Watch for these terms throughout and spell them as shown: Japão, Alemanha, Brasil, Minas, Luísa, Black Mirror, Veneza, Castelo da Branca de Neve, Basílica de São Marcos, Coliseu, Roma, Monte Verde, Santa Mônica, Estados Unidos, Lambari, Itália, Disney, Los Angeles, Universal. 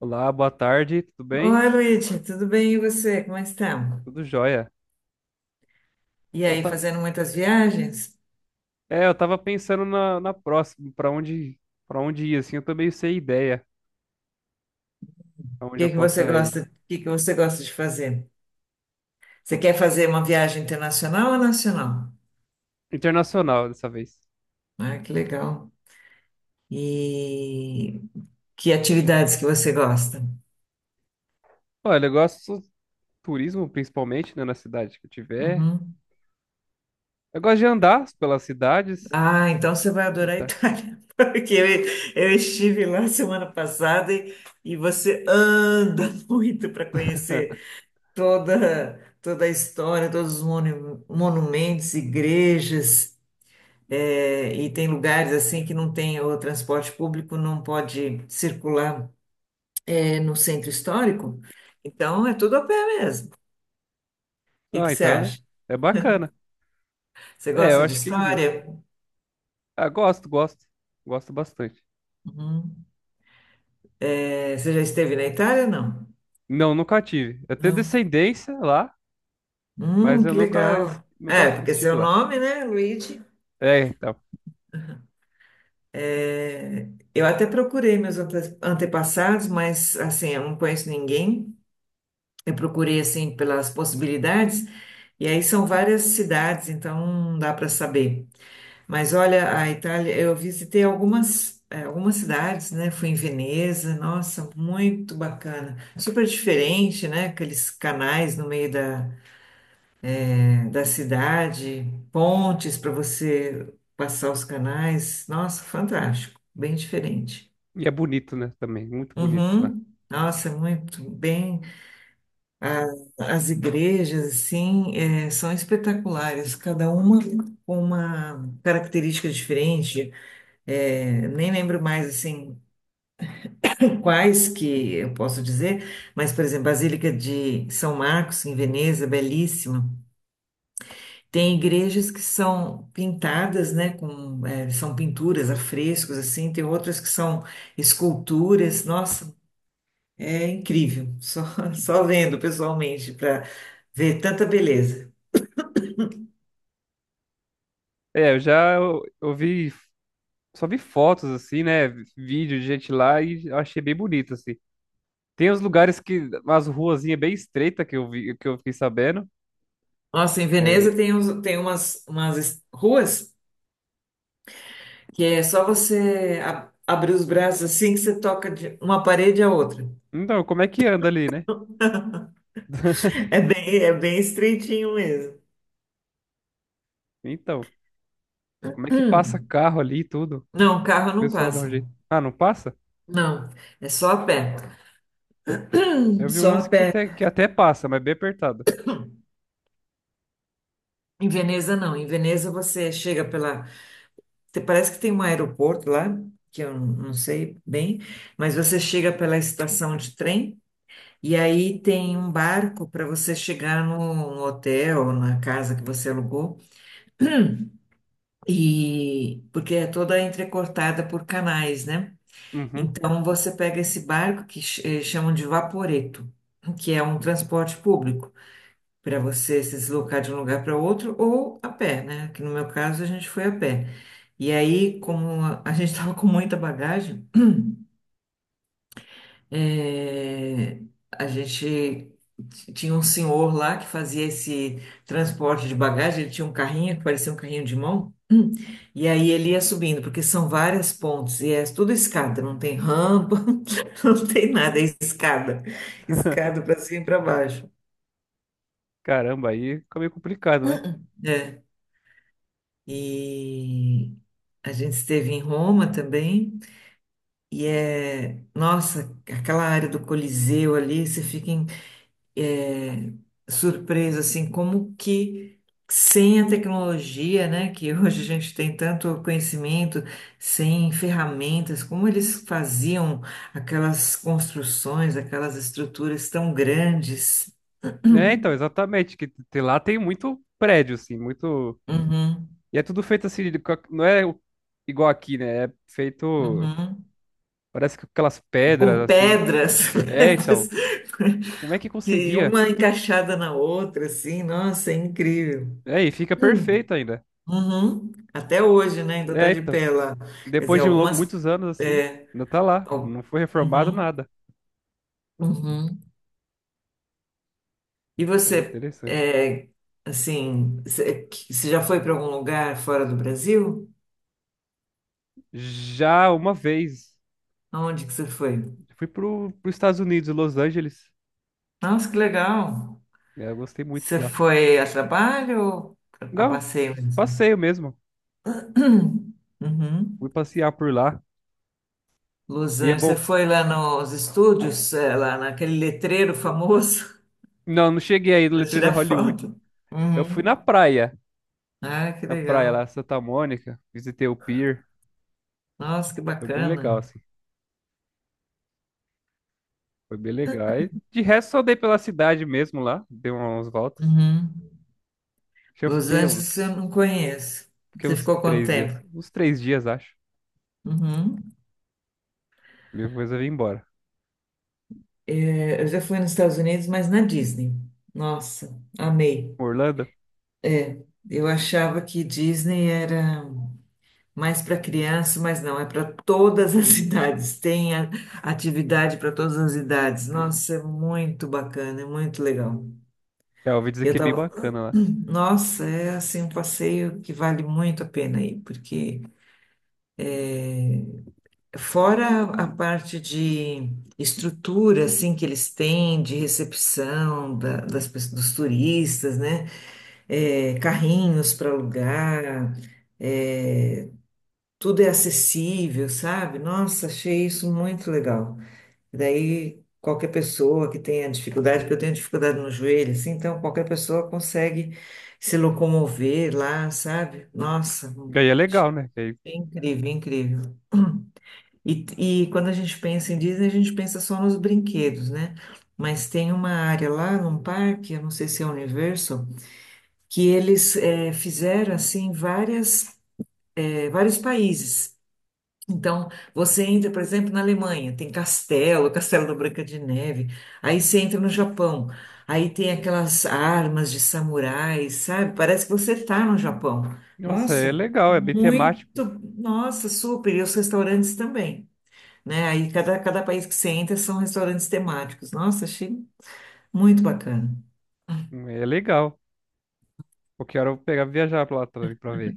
Olá, boa tarde, tudo bem? Oi, Luísa, tudo bem? E você? Como é que está? Tudo jóia. E Eu aí, ta- fazendo muitas viagens? O É, eu tava pensando na próxima, para onde ir, assim, eu tô meio sem ideia aonde eu que que você possa ir. gosta, o que que você gosta de fazer? Você quer fazer uma viagem internacional ou nacional? Internacional dessa vez. Ah, que legal. E que atividades que você gosta? Olha, eu gosto do turismo, principalmente, né, na cidade que eu tiver. Uhum. Eu gosto de andar pelas cidades. Ah, então você vai E adorar a tá. Itália, porque eu estive lá semana passada e você anda muito para conhecer toda a história, todos os monumentos, igrejas. É, e tem lugares assim que não tem o transporte público, não pode circular no centro histórico. Então é tudo a pé mesmo. O que Ah, que você então é, acha? é bacana. Você É, eu gosta de acho que iria. história? Ah, gosto, gosto. Gosto bastante. Uhum. É, você já esteve na Itália? Não. Não, nunca tive. Eu tenho Não. descendência lá, mas eu Que nunca, legal. nunca É, porque estive seu lá. nome, né, Luigi? É, tá. é, Eu até procurei meus antepassados, mas assim, eu não conheço ninguém. Eu procurei assim pelas possibilidades, e aí são várias cidades, então não dá para saber. Mas olha, a Itália, eu visitei algumas cidades, né? Fui em Veneza, nossa, muito bacana. Super diferente, né? Aqueles canais no meio da cidade, pontes para você passar os canais. Nossa, fantástico, bem diferente. E é bonito, né? Também, muito bonito lá. Uhum. Nossa, muito bem. A- as igrejas, assim, são espetaculares, cada uma com uma característica diferente. É, nem lembro mais assim quais que eu posso dizer, mas, por exemplo, Basílica de São Marcos, em Veneza, belíssima. Tem igrejas que são pintadas, né, com, são pinturas, afrescos, assim, tem outras que são esculturas, nossa, é incrível, só, só vendo pessoalmente para ver tanta beleza. É, eu vi, só vi fotos assim, né? Vídeo de gente lá e eu achei bem bonito, assim. Tem uns lugares que, umas ruazinhas bem estreitas que eu vi, que eu fiquei sabendo. Nossa, em É, Veneza tem umas ruas que é só você abrir os braços assim que você toca de uma parede à outra. então, como é que anda ali, né? É bem estreitinho mesmo. Então, como é que passa Hum, carro ali e tudo? O Não, carro não pessoal dá um passa. jeito. Ah, não passa? Não, é só a pé. Eu vi Só a umas que pé. até, que até passa, mas bem apertada. Em Veneza, não. Em Veneza, você chega pela. Te- Parece que tem um aeroporto lá, que eu não sei bem, mas você chega pela estação de trem e aí tem um barco para você chegar no hotel, na casa que você alugou, e porque é toda entrecortada por canais, né? Uhum. Então você pega esse barco que chamam de vaporeto, que é um transporte público para você se deslocar de um lugar para outro ou a pé, né? Que no meu caso a gente foi a pé. E aí, como a gente estava com muita bagagem, é, a gente tinha um senhor lá que fazia esse transporte de bagagem, ele tinha um carrinho que parecia um carrinho de mão, Hum. E aí ele ia subindo, porque são várias pontes, e é tudo escada, não tem rampa, não tem nada, é escada, escada para cima e para baixo. Caramba, aí fica meio complicado, né? É. E a gente esteve em Roma também, e é, nossa, aquela área do Coliseu ali, você fica é, surpresa, assim, como que sem a tecnologia, né, que hoje a gente tem tanto conhecimento, sem ferramentas, como eles faziam aquelas construções, aquelas estruturas tão grandes. É, então, exatamente, lá tem muito prédio, assim, muito. Uhum, E é tudo feito assim, não é o- igual aqui, né? É feito, uhum. parece que com aquelas Com pedras assim. pedras, É, pedras, então, como é que que conseguia? uma encaixada na outra, assim, nossa, é incrível. É, e fica Hum. perfeito ainda. Uhum. Até hoje, né, ainda está É, de então, pé lá. Quer dizer, depois algumas. muitos anos assim, é, ainda tá lá, Ó, não foi reformado Uhum, nada. uhum. E É você, interessante. Assim, você já foi para algum lugar fora do Brasil? Já uma vez, Aonde que você foi? fui pros Estados Unidos, Los Angeles. Nossa, que legal! É, eu gostei muito Você lá. foi a trabalho ou a Não, passeio mesmo? passeio mesmo. Uhum. Fui passear por lá. Los E é Angeles, você bom. foi lá nos estúdios, é, lá naquele letreiro famoso Não, não cheguei aí no para letreiro tirar Hollywood. foto? Eu fui Uhum. na praia. Ah, que Na praia lá, legal! Santa Mônica, visitei o pier, Nossa, que foi bem legal, bacana! assim, foi bem legal. E de resto, só dei pela cidade mesmo lá, dei umas voltas. Uhum. Acho que eu Los Angeles eu não conheço. fiquei Você ficou quanto tempo? uns três dias, acho. Uhum. Depois eu vim embora. É, eu já fui nos Estados Unidos, mas na Disney. Nossa, amei. Orlando, Eu achava que Disney era mais para criança, mas não, é para todas as idades. Tem atividade para todas as idades. Nossa, é muito bacana, é muito legal. é, eu ouvi dizer Eu que é bem tava, bacana lá. nossa, é assim um passeio que vale muito a pena ir, porque fora a parte de estrutura, assim, que eles têm de recepção dos turistas, né? É, carrinhos para alugar, é, tudo é acessível, sabe? Nossa, achei isso muito legal. E daí, qualquer pessoa que tenha dificuldade, porque eu tenho dificuldade no joelho, assim, então qualquer pessoa consegue se locomover lá, sabe? Nossa, E aí é achei legal, né? E aí- incrível, incrível. E quando a gente pensa em Disney, a gente pensa só nos brinquedos, né? Mas tem uma área lá num parque, eu não sei se é Universal, que eles fizeram assim vários países. Então, você entra, por exemplo, na Alemanha, tem castelo, o Castelo da Branca de Neve. Aí você entra no Japão, aí tem aquelas armas de samurais, sabe? Parece que você está no Japão. nossa, é Nossa, legal, é bem muito, temático, nossa, super. E os restaurantes também, né? Aí cada país que você entra são restaurantes temáticos. Nossa, achei muito bacana. É legal. Qualquer hora eu vou pegar e viajar pra lá também pra ver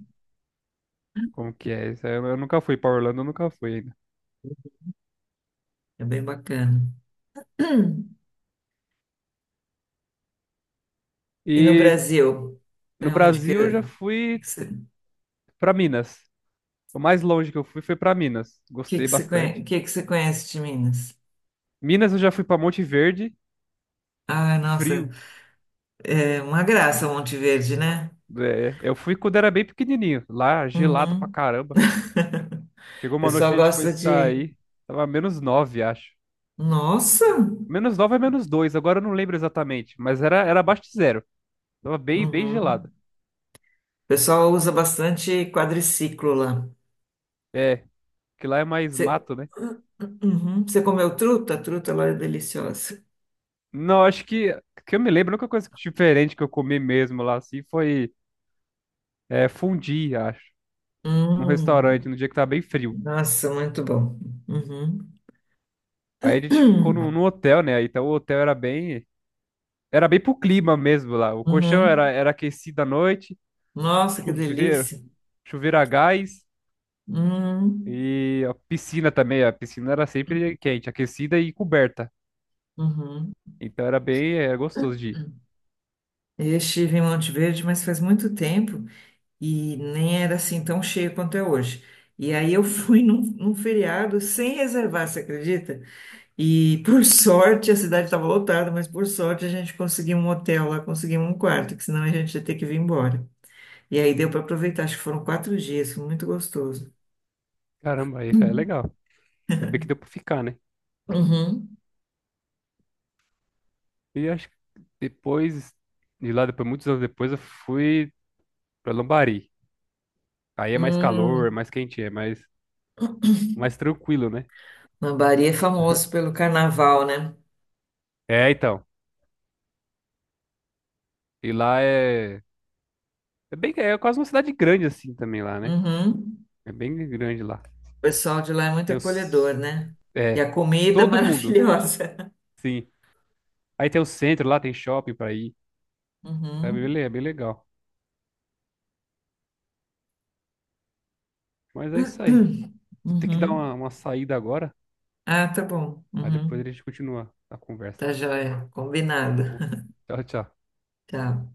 como que é. Isso aí eu nunca fui pra Orlando, eu nunca fui ainda. É bem bacana. E no E Brasil, no para onde Brasil eu já fui pra Minas. O mais longe que eu fui foi pra Minas. Gostei bastante. Que você conhece de Minas? Minas eu já fui pra Monte Verde, Ah, nossa, frio. é uma graça Monte Verde, né? É, eu fui quando era bem pequenininho, lá gelado pra Uhum. caramba. Chegou O uma noite, pessoal a gente foi gosta de. sair, tava -9 acho. Nossa! -9 é -2, agora eu não lembro exatamente, mas era, abaixo de zero. Tava bem, bem Uhum. gelado. O pessoal usa bastante quadriciclo lá. É, que lá é mais Você, mato, né? Uhum. Você comeu truta? A truta lá é deliciosa. Não, acho que eu me lembro, a única coisa diferente que eu comi mesmo lá assim foi fondue, acho, num restaurante, Hum. no dia que tava bem frio. Nossa, muito bom. Uhum. Aí a gente ficou no hotel, né? Então o hotel era bem pro clima mesmo lá. O colchão era, Uhum. era aquecido à noite, Nossa, que chuveiro, delícia. chuveiro a gás Hum, e a piscina também. A piscina era sempre quente, aquecida e coberta. uhum. Então era bem, gostoso de ir. Eu estive em Monte Verde, mas faz muito tempo e nem era assim tão cheio quanto é hoje. E aí eu fui num feriado sem reservar, você acredita? E por sorte a cidade estava lotada, mas por sorte a gente conseguiu um hotel lá, conseguimos um quarto, que senão a gente ia ter que vir embora. E aí deu para aproveitar, acho que foram 4 dias, foi muito gostoso. Caramba, aí é legal. Ainda bem que deu pra ficar, né? Uhum. E acho que depois, de lá, depois, muitos anos depois, eu fui pra Lambari. Aí é mais calor, é Hum, mais quente, é mais tranquilo, né? Lambari é famoso pelo carnaval, né? É, então. E lá é É bem, é quase uma cidade grande assim também lá, né? Uhum. É bem grande lá. O pessoal de lá é muito Tem acolhedor, os, né? E é, a comida é todo mundo, maravilhosa. sim. Aí tem o centro lá, tem shopping pra ir. É bem, Uhum. é bem legal. Mas é isso aí. Vou ter que dar Uhum. uma saída agora, Ah, tá bom. mas depois a Uhum. gente continua a conversa. Tá joia. Combinado. Tá bom? Tchau, tchau. Tchau.